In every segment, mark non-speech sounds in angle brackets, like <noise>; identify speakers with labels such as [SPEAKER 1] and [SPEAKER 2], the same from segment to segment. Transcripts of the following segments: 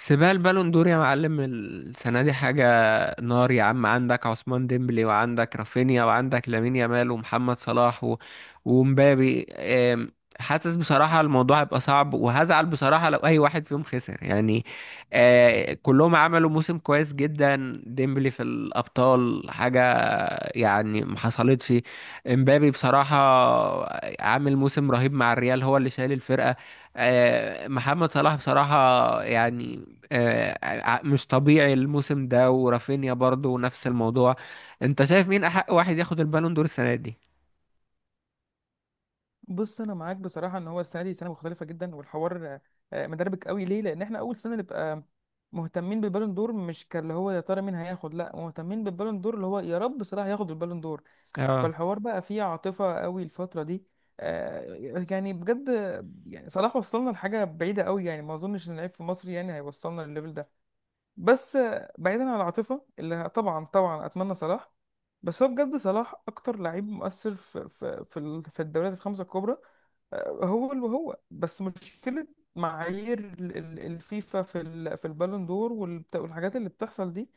[SPEAKER 1] سيبها البالون دور يا معلم، السنة دي حاجة نار يا عم. عندك عثمان ديمبلي وعندك رافينيا وعندك لامين يامال ومحمد صلاح ومبابي. حاسس بصراحة الموضوع هيبقى صعب وهزعل بصراحة لو أي واحد فيهم خسر يعني. كلهم عملوا موسم كويس جدا. ديمبلي في الأبطال حاجة يعني ما حصلتش. امبابي بصراحة عامل موسم رهيب مع الريال، هو اللي شايل الفرقة. محمد صلاح بصراحة يعني مش طبيعي الموسم ده، ورافينيا برضو نفس الموضوع. انت شايف مين احق واحد ياخد البالون دور السنة دي؟
[SPEAKER 2] بص انا معاك بصراحه ان هو السنه دي سنه مختلفه جدا. والحوار مدربك قوي ليه؟ لان احنا اول سنه نبقى مهتمين بالبالون دور، مش كاللي هو يا ترى مين هياخد، لا مهتمين بالبالون دور اللي هو يا رب صلاح ياخد البالون دور.
[SPEAKER 1] اه،
[SPEAKER 2] فالحوار بقى فيه عاطفه قوي الفتره دي. آه، يعني بجد، يعني صلاح وصلنا لحاجه بعيده قوي، يعني ما اظنش ان اللعيب في مصر يعني هيوصلنا للليفل ده. بس بعيدا عن العاطفه، اللي طبعا طبعا اتمنى صلاح، بس هو بجد صلاح اكتر لعيب مؤثر في في الدوريات الخمسه الكبرى. هو اللي هو بس مشكلة معايير الفيفا في البالون دور والحاجات اللي بتحصل دي.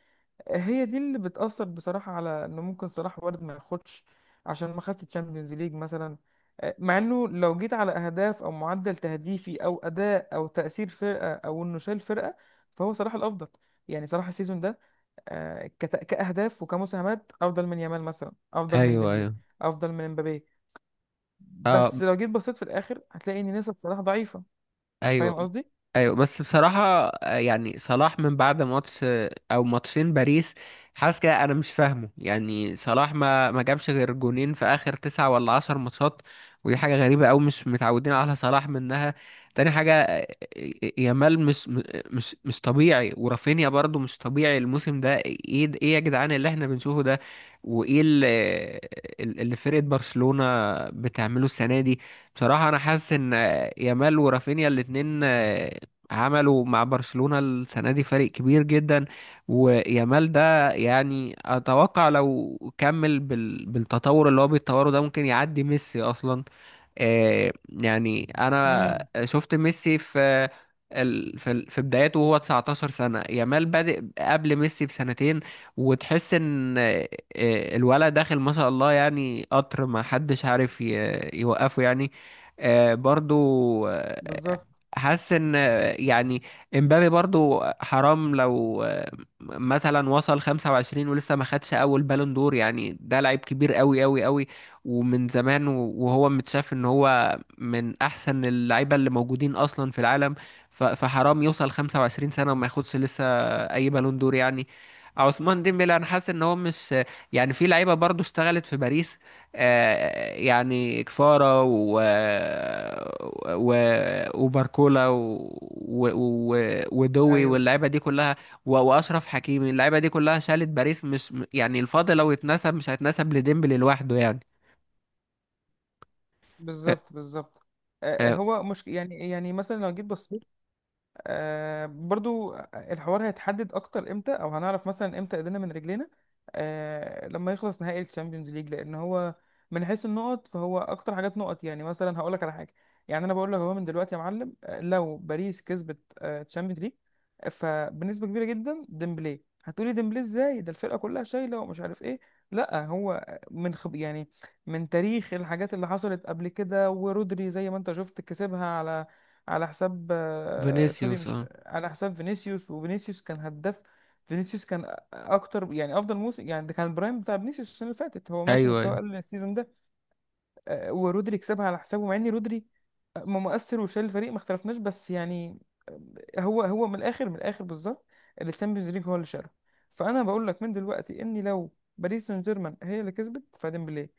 [SPEAKER 2] هي دي اللي بتأثر بصراحة على ان ممكن صلاح وارد ما ياخدش، عشان ما خدش تشامبيونز ليج مثلا. مع انه لو جيت على اهداف او معدل تهديفي او اداء او تأثير فرقة او انه شال فرقة، فهو صلاح الافضل. يعني صلاح السيزون ده كأهداف وكمساهمات افضل من يامال مثلا، افضل من
[SPEAKER 1] ايوه
[SPEAKER 2] ديمبلي،
[SPEAKER 1] ايوه.
[SPEAKER 2] افضل من مبابي. بس
[SPEAKER 1] اه،
[SPEAKER 2] لو جيت بصيت في الاخر هتلاقي ان نسب صلاح ضعيفه،
[SPEAKER 1] ايوه
[SPEAKER 2] فاهم قصدي.
[SPEAKER 1] ايوه. بس بصراحة يعني صلاح من بعد ماتش او ماتشين باريس. حاسس كده، انا مش فاهمه. يعني صلاح ما جابش غير جونين في اخر تسعة ولا عشر ماتشات. ودي حاجة غريبة أوي، مش متعودين على صلاح منها. تاني حاجة يامال مش طبيعي، ورافينيا برضو مش طبيعي الموسم ده. ايه يا جدعان اللي احنا بنشوفه ده؟ وايه اللي, اللي فرقة برشلونة بتعمله السنة دي؟ بصراحة انا حاسس ان يامال ورافينيا الاتنين عملوا مع برشلونة السنة دي فريق كبير جدا. ويامال ده يعني أتوقع لو كمل بالتطور اللي هو بيتطوره ده ممكن يعدي ميسي أصلا. يعني انا
[SPEAKER 2] امم،
[SPEAKER 1] شفت ميسي في بداياته وهو 19 سنة. يامال بادئ قبل ميسي بسنتين، وتحس ان الولد داخل ما شاء الله. يعني قطر ما حدش عارف يوقفه يعني. برضو آه،
[SPEAKER 2] بالظبط.
[SPEAKER 1] حاسس ان يعني امبابي برضو حرام لو مثلا وصل 25 ولسه ما خدش اول بالون دور يعني، ده لعيب كبير قوي قوي قوي ومن زمان. وهو متشاف ان هو من احسن اللعيبه اللي موجودين اصلا في العالم. فحرام يوصل 25 سنه وما ياخدش لسه اي بالون دور يعني. عثمان ديمبلي انا حاسس ان هو مش يعني، في لعيبه برضو اشتغلت في باريس يعني كفارة و... وباركولا و... و... ودوي
[SPEAKER 2] ايوه،
[SPEAKER 1] واللعيبه دي كلها واشرف حكيمي، اللعيبه دي كلها شالت باريس. مش يعني الفضل لو اتنسب مش هيتنسب لديمبلي لوحده يعني.
[SPEAKER 2] بالظبط بالظبط.
[SPEAKER 1] آه
[SPEAKER 2] هو مش يعني، يعني مثلا لو جيت بصيت. آه برضو الحوار هيتحدد اكتر امتى، او هنعرف مثلا امتى ايدينا من رجلينا، آه لما يخلص نهائي الشامبيونز ليج. لان هو من حيث النقط فهو اكتر حاجات نقط. يعني مثلا هقول لك على حاجه، يعني انا بقول لك هو من دلوقتي يا معلم، لو باريس كسبت الشامبيونز ليج، فبنسبه كبيره جدا ديمبلي. هتقولي ديمبلي ازاي، ده الفرقه كلها شايله ومش عارف ايه. لا هو من خب يعني من تاريخ الحاجات اللي حصلت قبل كده، ورودري زي ما انت شفت كسبها على على حساب سوري،
[SPEAKER 1] فينيسيوس.
[SPEAKER 2] مش
[SPEAKER 1] اه،
[SPEAKER 2] على حساب فينيسيوس، وفينيسيوس كان هداف. فينيسيوس كان أ- اكتر يعني افضل موسم، يعني ده كان البرايم بتاع فينيسيوس. السنه اللي فاتت هو ماشي
[SPEAKER 1] ايوه
[SPEAKER 2] مستوى
[SPEAKER 1] ايوه.
[SPEAKER 2] اقل السيزون ده. ورودري كسبها على حسابه، مع ان رودري مؤثر وشايل الفريق ما اختلفناش، بس يعني هو من الاخر، من الاخر بالظبط، اللي الشامبيونز ليج هو اللي شاله. فانا بقول لك من دلوقتي اني لو باريس سان جيرمان هي اللي كسبت فديمبلي.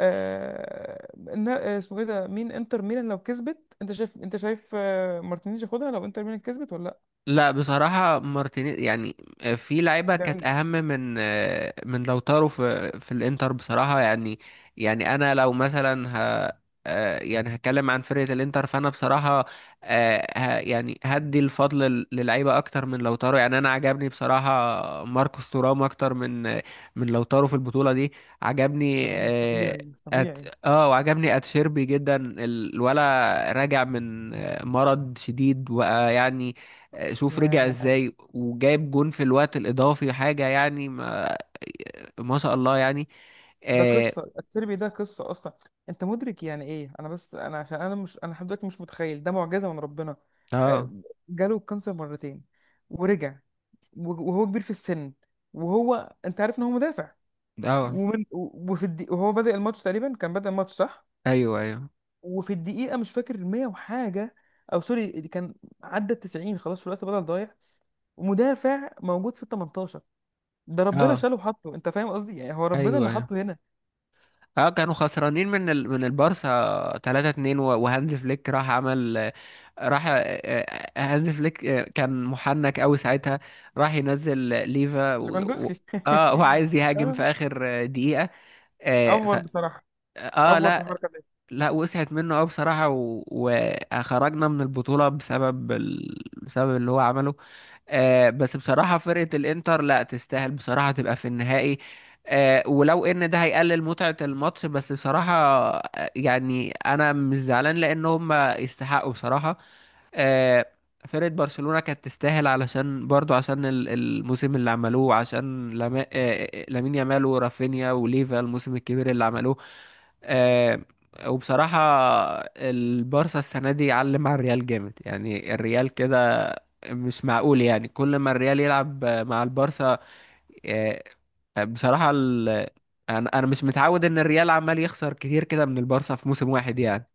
[SPEAKER 2] اسمه ايه ده، مين انتر ميلان لو كسبت؟ انت شايف، انت شايف مارتينيز ياخدها لو انتر ميلان كسبت ولا لا؟
[SPEAKER 1] لا بصراحة مارتينيز يعني، في لعيبة كانت
[SPEAKER 2] بعيد.
[SPEAKER 1] أهم من من لوتارو في الإنتر بصراحة يعني. يعني أنا لو مثلا ه آه، يعني هتكلم عن فرقة الإنتر فأنا بصراحة يعني هدي الفضل للعيبة أكتر من لوتارو. يعني أنا عجبني بصراحة ماركوس تورام أكتر من من لوتارو في البطولة دي. عجبني
[SPEAKER 2] كلام مش طبيعي مش
[SPEAKER 1] أت...
[SPEAKER 2] طبيعي.
[SPEAKER 1] اه، وعجبني اتشيربي جدا. الولا راجع من مرض شديد، ويعني شوف رجع
[SPEAKER 2] يا
[SPEAKER 1] ازاي وجايب جون في الوقت الاضافي حاجه يعني، ما شاء الله يعني.
[SPEAKER 2] ده
[SPEAKER 1] اه.
[SPEAKER 2] قصه التربي، ده قصه اصلا. انت مدرك يعني ايه؟ انا بس انا عشان انا مش، انا لحد دلوقتي مش متخيل، ده معجزه من ربنا. آه،
[SPEAKER 1] اه،
[SPEAKER 2] جاله الكانسر مرتين ورجع، وهو كبير في السن، وهو انت عارف ان هو مدافع،
[SPEAKER 1] آه،
[SPEAKER 2] وفي وهو بادئ الماتش تقريبا، كان بادئ الماتش صح.
[SPEAKER 1] ايوه ايوه.
[SPEAKER 2] وفي الدقيقة، مش فاكر المية وحاجة أو سوري، دي كان عدى التسعين خلاص، في الوقت بدل ضايع، ومدافع موجود في التمنتاشر. ده ربنا
[SPEAKER 1] اه،
[SPEAKER 2] شاله وحطه، أنت فاهم قصدي، يعني هو ربنا
[SPEAKER 1] ايوه
[SPEAKER 2] اللي
[SPEAKER 1] ايوه.
[SPEAKER 2] حطه هنا.
[SPEAKER 1] اه كانوا خسرانين من البارسا 3-2، وهانز فليك راح عمل. راح آه، آه، هانز فليك كان محنك قوي ساعتها، راح ينزل ليفا و...
[SPEAKER 2] ليفاندوسكي.
[SPEAKER 1] اه، وعايز
[SPEAKER 2] <laughs>
[SPEAKER 1] يهاجم
[SPEAKER 2] اه،
[SPEAKER 1] في اخر دقيقه. آه ف...
[SPEAKER 2] أفور بصراحة،
[SPEAKER 1] اه
[SPEAKER 2] أفور في
[SPEAKER 1] لا.
[SPEAKER 2] الحركة دي.
[SPEAKER 1] لا وسعت منه قوي بصراحة، وخرجنا من البطولة بسبب بسبب اللي هو عمله. بس بصراحة فرقة الإنتر لا تستاهل بصراحة تبقى في النهائي. ولو إن ده هيقلل متعة الماتش، بس بصراحة يعني أنا مش زعلان لأن هم يستحقوا بصراحة. آه فرقة برشلونة كانت تستاهل، علشان برضو عشان الموسم اللي عملوه، عشان لما... آه آه، لامين يامال ورافينيا وليفا الموسم الكبير اللي عملوه. آه، وبصراحة البارسا السنة دي علم على الريال جامد. يعني الريال كده مش معقول، يعني كل ما الريال يلعب مع البارسا. آه، بصراحة انا مش متعود ان الريال عمال يخسر كتير كده من البارسا في موسم واحد يعني.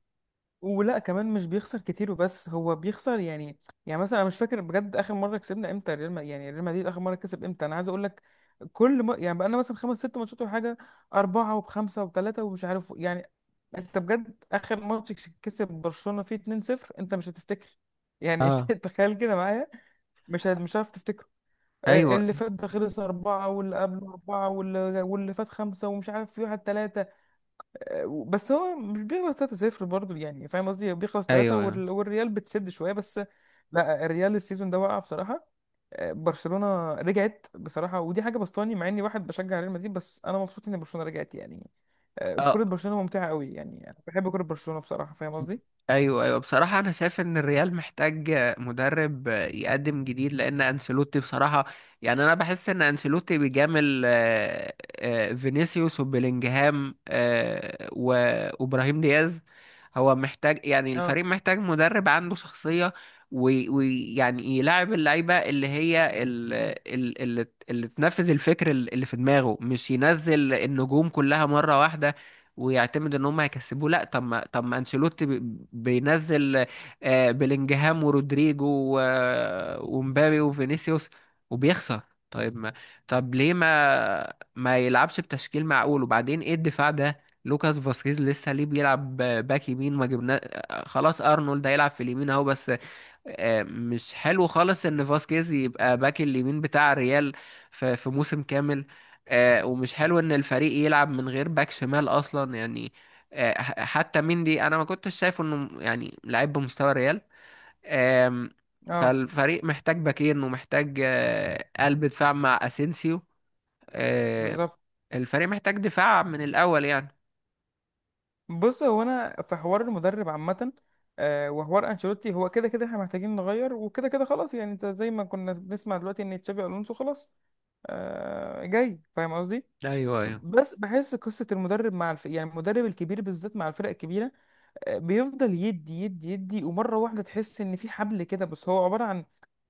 [SPEAKER 2] ولا كمان مش بيخسر كتير، وبس هو بيخسر يعني، يعني مثلا أنا مش فاكر بجد آخر مرة كسبنا إمتى ريال، يعني ريال مدريد آخر مرة كسب إمتى؟ أنا عايز أقول لك، كل ما يعني بقى لنا مثلا خمس ست ماتشات ولا حاجة، أربعة وبخمسة وبثلاثة ومش عارف يعني. انت بجد اخر ماتش كسب برشلونه فيه 2-0، انت مش هتفتكر يعني.
[SPEAKER 1] اه،
[SPEAKER 2] <laughs> تخيل كده معايا، مش هتعرف تفتكره.
[SPEAKER 1] ايوه
[SPEAKER 2] اللي فات ده خلص أربعة، واللي قبله أربعة، واللي فات خمسة، ومش عارف في واحد تلاتة. بس هو مش بيخلص تلاتة صفر برضه، يعني فاهم قصدي، بيخلص تلاتة
[SPEAKER 1] ايوه ايوه.
[SPEAKER 2] والريال بتسد شوية بس. لا الريال السيزون ده وقع بصراحة. برشلونة رجعت بصراحة، ودي حاجة بسطاني، مع اني واحد بشجع ريال مدريد، بس انا مبسوط ان برشلونة رجعت يعني. كرة
[SPEAKER 1] آه،
[SPEAKER 2] برشلونة ممتعة قوي، يعني أنا بحب كرة برشلونة بصراحة، فاهم قصدي.
[SPEAKER 1] ايوه ايوه. بصراحه انا شايف ان الريال محتاج مدرب يقدم جديد، لان انسيلوتي بصراحه يعني انا بحس ان انسيلوتي بيجامل فينيسيوس وبيلينجهام. وابراهيم دياز، هو محتاج، يعني الفريق
[SPEAKER 2] اه.
[SPEAKER 1] محتاج مدرب عنده شخصيه ويعني يلاعب اللعيبه اللي هي اللي تنفذ الفكر اللي في دماغه، مش ينزل النجوم كلها مره واحده ويعتمد ان هم هيكسبوه. لا، طب ما انشيلوتي بينزل بيلينجهام ورودريجو ومبابي وفينيسيوس، وبيخسر. طيب ما طب ليه ما يلعبش بتشكيل معقول؟ وبعدين ايه الدفاع ده؟ لوكاس فاسكيز لسه ليه بيلعب باك يمين؟ ما جبنا خلاص ارنولد هيلعب في اليمين اهو بس. مش حلو خالص ان فاسكيز يبقى باك اليمين بتاع الريال في موسم كامل. ومش حلو ان الفريق يلعب من غير باك شمال اصلا يعني. حتى مندي انا ما كنتش شايفه انه يعني لعيب بمستوى الريال. آم،
[SPEAKER 2] اه،
[SPEAKER 1] فالفريق محتاج باكين ومحتاج قلب دفاع مع اسينسيو. آه،
[SPEAKER 2] بالظبط.
[SPEAKER 1] الفريق محتاج دفاع من الاول يعني.
[SPEAKER 2] بص هو انا في حوار المدرب عامة، وحوار انشيلوتي، هو كده كده احنا محتاجين نغير، وكده كده خلاص، يعني انت زي ما كنا بنسمع دلوقتي ان تشافي الونسو خلاص جاي، فاهم قصدي.
[SPEAKER 1] ايوه ايوه.
[SPEAKER 2] بس بحس قصة المدرب مع يعني المدرب الكبير بالذات مع الفرق الكبيرة، بيفضل يدي ومره واحده تحس ان في حبل كده، بس هو عباره عن،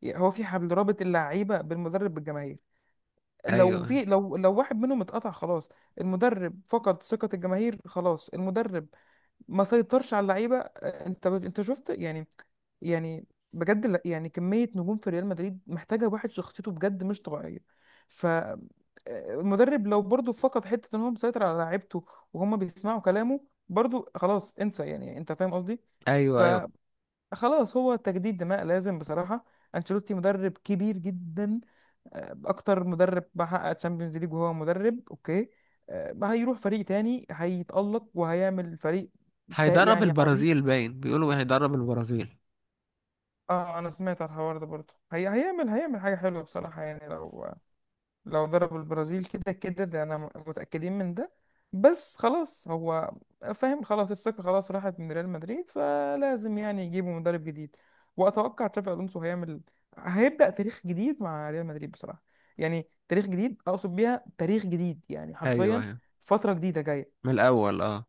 [SPEAKER 2] هو في حبل رابط اللعيبه بالمدرب بالجماهير. لو
[SPEAKER 1] ايوه،
[SPEAKER 2] في لو لو واحد منهم اتقطع خلاص. المدرب فقد ثقه الجماهير، خلاص المدرب ما سيطرش على اللعيبه. انت شفت يعني، يعني بجد يعني كميه نجوم في ريال مدريد محتاجه واحد شخصيته بجد مش طبيعيه. ف المدرب لو برضه فقد حته ان هو مسيطر على لعيبته وهم بيسمعوا كلامه، برضه خلاص انسى، يعني انت فاهم قصدي.
[SPEAKER 1] ايوه ايوه.
[SPEAKER 2] فخلاص هو تجديد دماء لازم بصراحه. انشيلوتي مدرب كبير جدا، اكتر مدرب بحقق تشامبيونز ليج، وهو مدرب اوكي. ما هيروح فريق تاني هيتألق وهيعمل فريق
[SPEAKER 1] هيدرب
[SPEAKER 2] يعني عظيم.
[SPEAKER 1] البرازيل باين بيقولوا، هيدرب البرازيل.
[SPEAKER 2] اه انا سمعت على الحوار ده برضه، هي هيعمل، هيعمل حاجة حلوة بصراحة، يعني لو لو ضرب البرازيل كده كده ده انا متأكدين من ده. بس خلاص هو فاهم، خلاص الثقة خلاص راحت من ريال مدريد، فلازم يعني يجيبوا مدرب جديد. واتوقع تشافي الونسو هيعمل، هيبدأ تاريخ جديد مع ريال مدريد بصراحة، يعني تاريخ جديد اقصد بيها تاريخ جديد يعني
[SPEAKER 1] ايوه
[SPEAKER 2] حرفيا،
[SPEAKER 1] ايوه،
[SPEAKER 2] فترة جديدة جاية،
[SPEAKER 1] من الاول اه.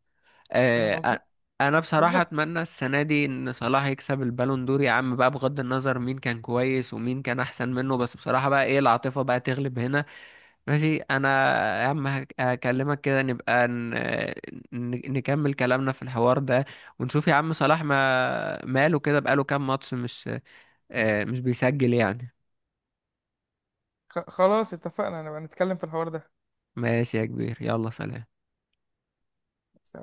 [SPEAKER 2] فاهم
[SPEAKER 1] آه، أ-
[SPEAKER 2] قصدي؟
[SPEAKER 1] انا بصراحة
[SPEAKER 2] بالظبط.
[SPEAKER 1] اتمنى السنة دي ان صلاح يكسب البالون دور يا عم بقى، بغض النظر مين كان كويس ومين كان احسن منه. بس بصراحة بقى ايه، العاطفة بقى تغلب هنا. ماشي. انا يا عم هكلمك كده، نبقى نكمل كلامنا في الحوار ده، ونشوف يا عم صلاح ما ماله كده، بقاله كام ماتش مش بيسجل يعني.
[SPEAKER 2] خلاص اتفقنا نبقى نتكلم في الحوار ده
[SPEAKER 1] ماشي يا كبير، يلا سلام.